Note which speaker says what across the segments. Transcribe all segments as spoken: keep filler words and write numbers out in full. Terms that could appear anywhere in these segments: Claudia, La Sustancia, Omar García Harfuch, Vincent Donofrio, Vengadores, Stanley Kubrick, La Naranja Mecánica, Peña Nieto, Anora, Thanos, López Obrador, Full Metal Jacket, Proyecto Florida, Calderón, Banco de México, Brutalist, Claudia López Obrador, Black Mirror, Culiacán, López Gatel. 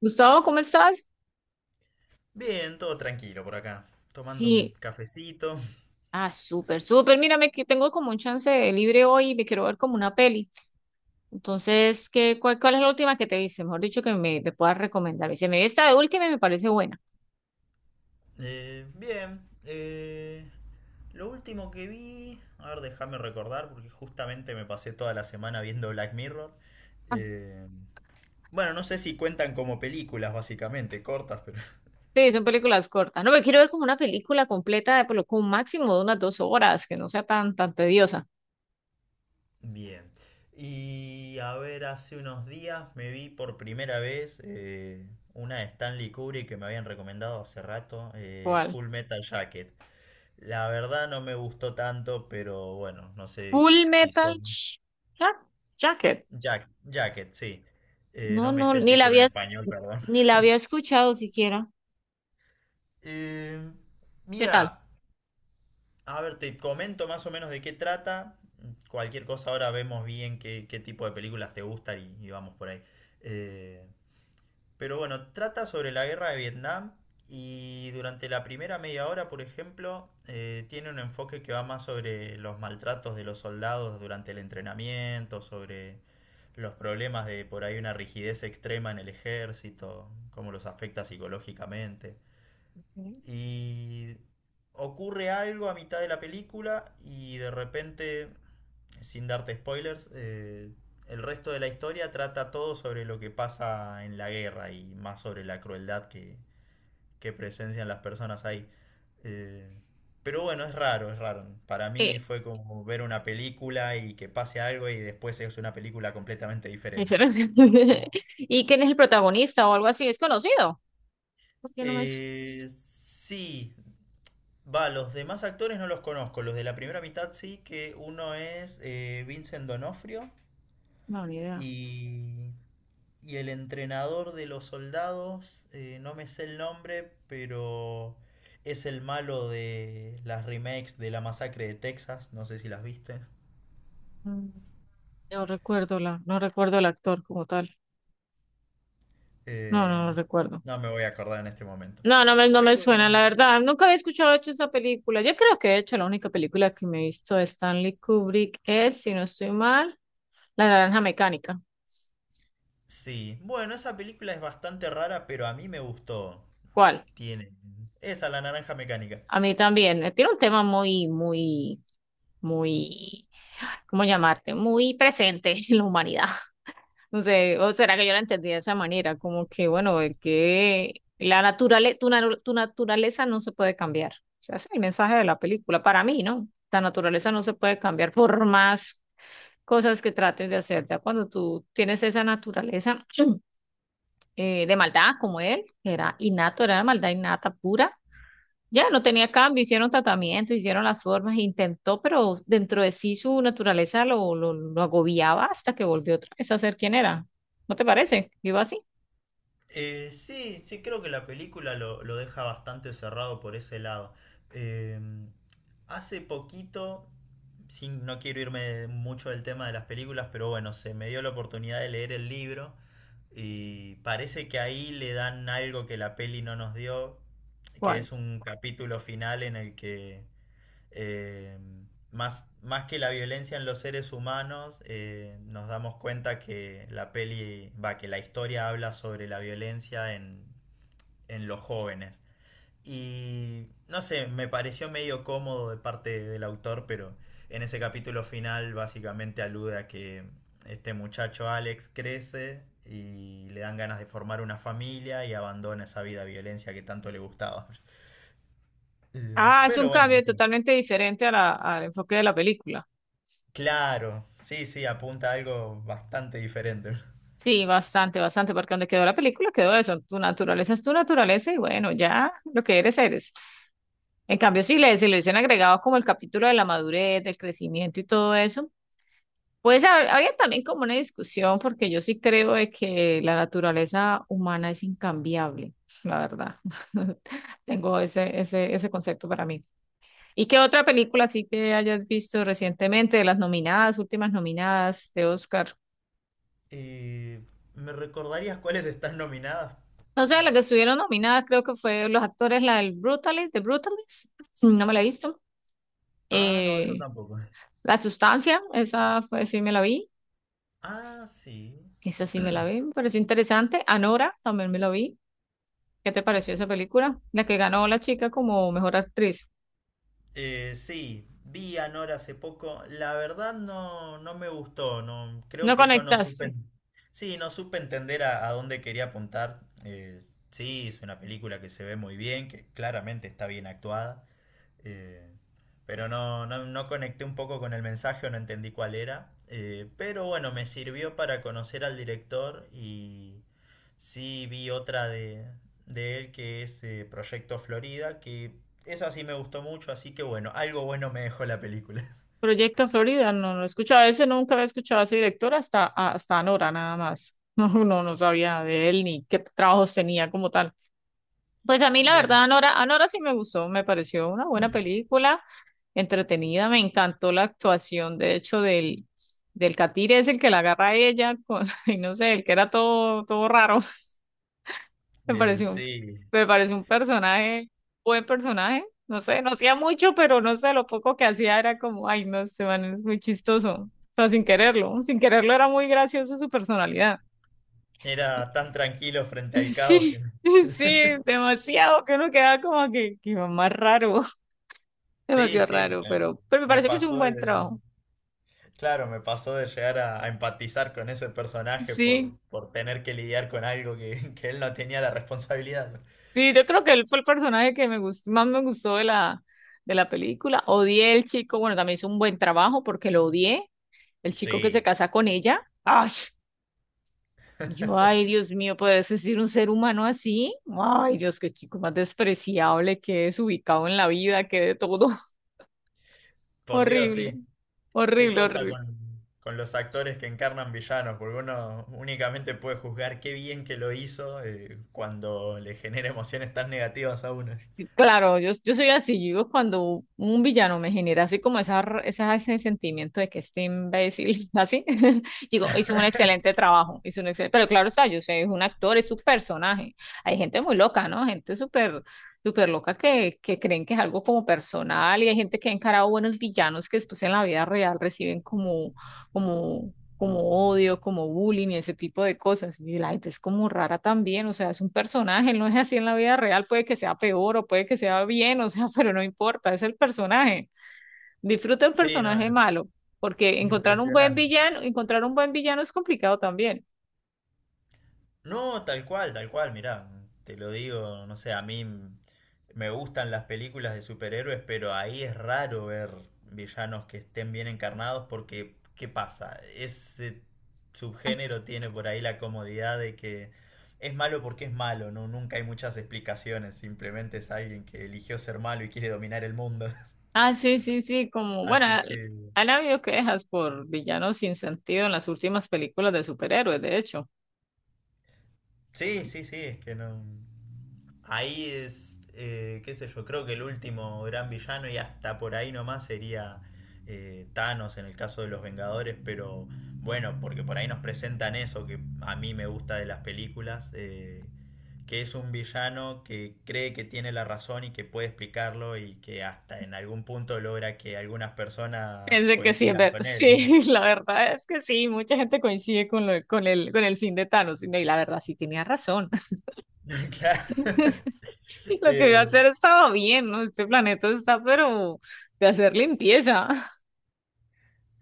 Speaker 1: Gustavo, ¿cómo estás?
Speaker 2: Bien, todo tranquilo por acá. Tomando un
Speaker 1: Sí.
Speaker 2: cafecito.
Speaker 1: Ah, súper, súper. Mírame que tengo como un chance de libre hoy y me quiero ver como una peli. Entonces, ¿qué, cuál, cuál es la última que te viste? Mejor dicho, que me, me puedas recomendar. Y se me vi esta de última y me parece buena.
Speaker 2: Eh, bien. Eh, lo último que vi... A ver, déjame recordar porque justamente me pasé toda la semana viendo Black Mirror.
Speaker 1: Ah,
Speaker 2: Eh, bueno, no sé si cuentan como películas, básicamente, cortas, pero...
Speaker 1: Sí, son películas cortas. No, me quiero ver como una película completa de por lo- con un máximo de unas dos horas, que no sea tan, tan tediosa.
Speaker 2: Bien. Y a ver, hace unos días me vi por primera vez eh, una de Stanley Kubrick que me habían recomendado hace rato, eh,
Speaker 1: ¿Cuál?
Speaker 2: Full Metal Jacket. La verdad no me gustó tanto, pero bueno, no sé
Speaker 1: Full
Speaker 2: si
Speaker 1: Metal
Speaker 2: son...
Speaker 1: Sh- Ja- Jacket.
Speaker 2: Jack, Jacket, sí. Eh,
Speaker 1: No,
Speaker 2: no me
Speaker 1: no,
Speaker 2: sé el
Speaker 1: ni la
Speaker 2: título en
Speaker 1: había,
Speaker 2: español, perdón.
Speaker 1: ni la había escuchado siquiera.
Speaker 2: Eh,
Speaker 1: ¿Qué tal?
Speaker 2: Mira, a ver, te comento más o menos de qué trata. Cualquier cosa ahora vemos bien qué, qué tipo de películas te gustan y, y vamos por ahí. Eh, Pero bueno, trata sobre la guerra de Vietnam y durante la primera media hora, por ejemplo, eh, tiene un enfoque que va más sobre los maltratos de los soldados durante el entrenamiento, sobre los problemas de por ahí una rigidez extrema en el ejército, cómo los afecta psicológicamente.
Speaker 1: Ok.
Speaker 2: Y ocurre algo a mitad de la película y de repente, sin darte spoilers, eh, el resto de la historia trata todo sobre lo que pasa en la guerra y más sobre la crueldad que, que presencian las personas ahí. Eh, pero bueno, es raro, es raro. Para mí fue como ver una película y que pase algo y después es una película completamente diferente.
Speaker 1: Excelente. ¿Y quién es el protagonista o algo así? ¿Es conocido? Porque no me... es
Speaker 2: Eh, sí, va, los demás actores no los conozco. Los de la primera mitad sí, que uno es eh, Vincent Donofrio
Speaker 1: No, ni idea.
Speaker 2: y, y el entrenador de los soldados, eh, no me sé el nombre, pero es el malo de las remakes de la masacre de Texas. No sé si las viste.
Speaker 1: Mm, No recuerdo la, no recuerdo el actor como tal. No, no lo
Speaker 2: Eh,
Speaker 1: recuerdo.
Speaker 2: no me voy a acordar en este momento.
Speaker 1: No, no me, no me suena,
Speaker 2: Pero
Speaker 1: la verdad. Nunca había escuchado de hecho esa película. Yo creo que de hecho la única película que me he visto de Stanley Kubrick es, si no estoy mal, La Naranja Mecánica.
Speaker 2: sí, bueno, esa película es bastante rara, pero a mí me gustó.
Speaker 1: ¿Cuál?
Speaker 2: Tiene. Esa, la naranja mecánica.
Speaker 1: A mí también. Eh, Tiene un tema muy, muy, muy, ¿cómo llamarte? Muy presente en la humanidad. No sé, o será que yo la entendí de esa manera, como que, bueno, el que la naturale, tu, naru- tu naturaleza no se puede cambiar. O sea, ese es el mensaje de la película. Para mí, ¿no? La naturaleza no se puede cambiar por más cosas que trates de hacer. Ya cuando tú tienes esa naturaleza eh, de maldad como él, que era innato, era maldad innata pura, ya no tenía cambio, hicieron tratamiento, hicieron las formas, intentó, pero dentro de sí su naturaleza lo, lo, lo agobiaba hasta que volvió otra vez a ser quien era. ¿No te parece? Iba así.
Speaker 2: Eh, sí, sí, creo que la película lo, lo deja bastante cerrado por ese lado. Eh, Hace poquito, sin, no quiero irme mucho del tema de las películas, pero bueno, se me dio la oportunidad de leer el libro y parece que ahí le dan algo que la peli no nos dio, que
Speaker 1: ¿Cuál?
Speaker 2: es un capítulo final en el que eh, más, más que la violencia en los seres humanos, eh, nos damos cuenta que la peli, va, que la historia habla sobre la violencia en, en los jóvenes. Y no sé, me pareció medio cómodo de parte del autor, pero en ese capítulo final básicamente alude a que este muchacho Alex crece y le dan ganas de formar una familia y abandona esa vida violencia que tanto le gustaba. Eh,
Speaker 1: Ah, es
Speaker 2: Pero
Speaker 1: un
Speaker 2: bueno, no
Speaker 1: cambio
Speaker 2: sé.
Speaker 1: totalmente diferente a la- al enfoque de la película.
Speaker 2: Claro, sí, sí, apunta a algo bastante diferente.
Speaker 1: Sí, bastante, bastante, porque donde quedó la película quedó eso. Tu naturaleza es tu naturaleza y bueno, ya lo que eres, eres. En cambio, si le, si lo dicen agregado como el capítulo de la madurez, del crecimiento y todo eso, pues hab- habría también como una discusión, porque yo sí creo de que la naturaleza humana es incambiable, la verdad. Tengo ese, ese, ese concepto para mí. ¿Y qué otra película sí que hayas visto recientemente de las nominadas, últimas nominadas de Oscar?
Speaker 2: Eh, ¿Me recordarías cuáles están nominadas?
Speaker 1: No sé, la que estuvieron nominadas creo que fue los actores, la del Brutalist, de Brutalist, no me la he visto.
Speaker 2: Ah, no, yo
Speaker 1: Eh,
Speaker 2: tampoco.
Speaker 1: La Sustancia, esa fue, sí me la vi,
Speaker 2: Ah, sí.
Speaker 1: esa sí me la vi, me pareció interesante. Anora, también me la vi. ¿Qué te pareció esa película? La que ganó la chica como mejor actriz.
Speaker 2: Eh, sí, vi a Nora hace poco. La verdad no, no me gustó. No, creo
Speaker 1: No
Speaker 2: que yo no supe.
Speaker 1: conectaste.
Speaker 2: Sí, no supe entender a, a dónde quería apuntar. Eh, sí, es una película que se ve muy bien, que claramente está bien actuada. Eh, pero no, no, no conecté un poco con el mensaje o no entendí cuál era. Eh, pero bueno, me sirvió para conocer al director y sí vi otra de, de él que es eh, Proyecto Florida, que esa sí me gustó mucho, así que bueno, algo bueno me dejó la película.
Speaker 1: Proyecto Florida, no, no he escuchado ese, nunca había escuchado a ese director hasta, hasta Anora, nada más. No, no, no sabía de él ni qué trabajos tenía como tal. Pues a mí, la
Speaker 2: Bien.
Speaker 1: verdad, Anora, Anora sí me gustó, me pareció una buena película, entretenida, me encantó la actuación, de hecho, del, del catire es el que la agarra a ella, con, y no sé, el que era todo, todo raro. Me
Speaker 2: Eh,
Speaker 1: pareció un,
Speaker 2: sí,
Speaker 1: me pareció un personaje, buen personaje. No sé, no hacía mucho, pero no sé, lo poco que hacía era como, ay, no, este man es muy chistoso. O sea, sin quererlo, sin quererlo era muy gracioso su personalidad.
Speaker 2: era tan tranquilo frente al caos
Speaker 1: Sí,
Speaker 2: que...
Speaker 1: sí, demasiado, que uno quedaba como que, que más raro,
Speaker 2: Sí,
Speaker 1: demasiado
Speaker 2: sí,
Speaker 1: raro,
Speaker 2: me,
Speaker 1: pero, pero me
Speaker 2: me
Speaker 1: pareció que hizo un
Speaker 2: pasó de...
Speaker 1: buen trabajo.
Speaker 2: Claro, me pasó de llegar a, a empatizar con ese personaje
Speaker 1: Sí,
Speaker 2: por, por tener que lidiar con algo que, que él no tenía la responsabilidad.
Speaker 1: sí, yo creo que él fue el personaje que me gustó, más me gustó de la, de la película. Odié el chico, bueno, también hizo un buen trabajo porque lo odié. El chico que se
Speaker 2: Sí,
Speaker 1: casa con ella. ¡Ay! Yo, ay, Dios mío, ¿podría existir un ser humano así? Ay, Dios, qué chico más despreciable, qué desubicado en la vida, qué de todo.
Speaker 2: por Dios,
Speaker 1: Horrible,
Speaker 2: sí. Qué
Speaker 1: horrible,
Speaker 2: cosa
Speaker 1: horrible.
Speaker 2: con, con los actores que encarnan villanos, porque uno únicamente puede juzgar qué bien que lo hizo eh, cuando le genera emociones tan negativas a uno.
Speaker 1: Claro, yo, yo soy así, yo cuando un villano me genera así como esa, r- esa- ese sentimiento de que este imbécil, así, digo, hizo un excelente trabajo, hizo un excelente, pero claro está, yo sé, es un actor, es su personaje. Hay gente muy loca, ¿no? Gente súper, súper loca que, que creen que es algo como personal y hay gente que ha encarado buenos villanos que después en la vida real reciben como, como como odio, como bullying y ese tipo de cosas. Y la gente es como rara también, o sea, es un personaje, no es así en la vida real, puede que sea peor o puede que sea bien, o sea, pero no importa, es el personaje. Disfruta el
Speaker 2: Sí, no,
Speaker 1: personaje
Speaker 2: es
Speaker 1: malo, porque encontrar un buen
Speaker 2: impresionante.
Speaker 1: villano, encontrar un buen villano es complicado también.
Speaker 2: No, tal cual, tal cual, mirá, te lo digo, no sé, a mí m- me gustan las películas de superhéroes, pero ahí es raro ver villanos que estén bien encarnados porque, ¿qué pasa? Ese
Speaker 1: Ay,
Speaker 2: subgénero tiene por ahí la comodidad de que es malo porque es malo, ¿no? Nunca hay muchas explicaciones, simplemente es alguien que eligió ser malo y quiere dominar el mundo.
Speaker 1: ah, sí, sí, sí, como, bueno,
Speaker 2: Así
Speaker 1: al-
Speaker 2: que...
Speaker 1: han habido quejas por villanos sin sentido en las últimas películas de superhéroes, de hecho.
Speaker 2: Sí, sí, sí, es que no. Ahí es, eh, qué sé yo, creo que el último gran villano y hasta por ahí nomás sería eh, Thanos en el caso de los Vengadores, pero bueno, porque por ahí nos presentan eso que a mí me gusta de las películas, eh, que es un villano que cree que tiene la razón y que puede explicarlo y que hasta en algún punto logra que algunas personas
Speaker 1: Pensé que sí, es
Speaker 2: coincidan
Speaker 1: ver-
Speaker 2: con él.
Speaker 1: sí, la verdad es que sí, mucha gente coincide con, lo- con el, con el fin de Thanos, y la verdad sí tenía razón.
Speaker 2: Claro.
Speaker 1: Lo que iba a
Speaker 2: Eh,
Speaker 1: hacer estaba bien, ¿no? Este planeta está, pero de hacer limpieza.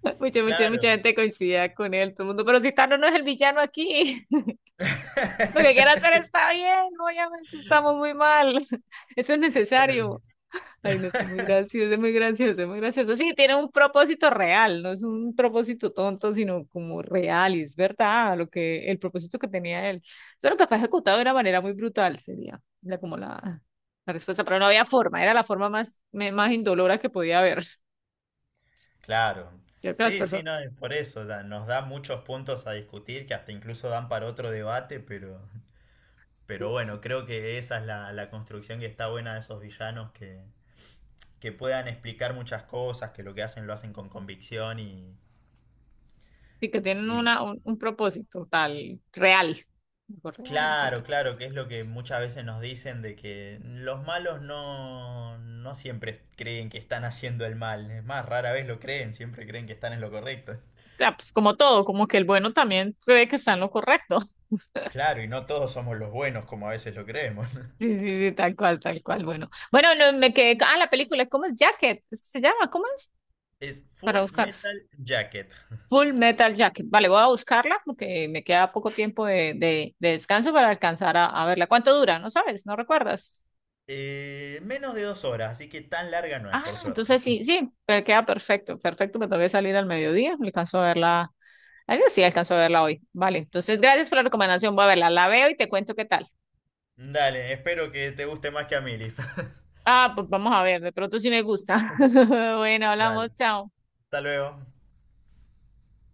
Speaker 1: Mucha, mucha, mucha
Speaker 2: claro.
Speaker 1: gente coincidía con él, todo el mundo, pero si Thanos no es el villano aquí, lo que quiere hacer está bien, obviamente estamos muy mal, eso es necesario.
Speaker 2: El-
Speaker 1: Ay, no, es muy gracioso, es muy gracioso, es muy gracioso. Sí, tiene un propósito real, no es un propósito tonto, sino como real, y es verdad lo que, el propósito que tenía él. Solo que fue ejecutado de una manera muy brutal, sería la, como la la respuesta, pero no había forma, era la forma más, me- más indolora que podía haber.
Speaker 2: Claro.
Speaker 1: Creo que las
Speaker 2: Sí, sí,
Speaker 1: personas
Speaker 2: no, es por eso da- nos da muchos puntos a discutir que hasta incluso dan para otro debate, pero, pero bueno, creo que esa es la, la construcción que está buena de esos villanos que, que puedan explicar muchas cosas, que lo que hacen lo hacen con convicción y,
Speaker 1: sí que tienen una,
Speaker 2: y
Speaker 1: un, un propósito tal, real, algo real, real.
Speaker 2: claro, claro, que es lo que muchas veces nos dicen de que los malos no, no siempre creen que están haciendo el mal, es más, rara vez lo creen, siempre creen que están en lo correcto.
Speaker 1: Ah, pues, como todo, como que el bueno también cree que está en lo correcto.
Speaker 2: Claro, y no todos somos los buenos como a veces lo creemos.
Speaker 1: Sí, sí, sí, tal cual, tal cual. Bueno, bueno, no, me quedé. Ah, la película, ¿cómo es? Jacket, ¿se llama? ¿Cómo es?
Speaker 2: Es
Speaker 1: Para
Speaker 2: Full
Speaker 1: buscar.
Speaker 2: Metal Jacket.
Speaker 1: Full Metal Jacket. Vale, voy a buscarla porque me queda poco tiempo de, de, de descanso para alcanzar a, a verla. ¿Cuánto dura? No sabes, no recuerdas.
Speaker 2: Eh, menos de dos horas, así que tan larga no es,
Speaker 1: Ah,
Speaker 2: por suerte.
Speaker 1: entonces sí, sí, me queda perfecto, perfecto. Me tengo que salir al mediodía. Alcanzo a verla. Ay, sí, alcanzo a verla hoy. Vale, entonces gracias por la recomendación. Voy a verla, la veo y te cuento qué tal.
Speaker 2: Dale, espero que te guste más que a mí, Liz.
Speaker 1: Ah, pues vamos a ver, de pronto sí me gusta. Bueno, hablamos,
Speaker 2: Dale,
Speaker 1: chao.
Speaker 2: hasta luego.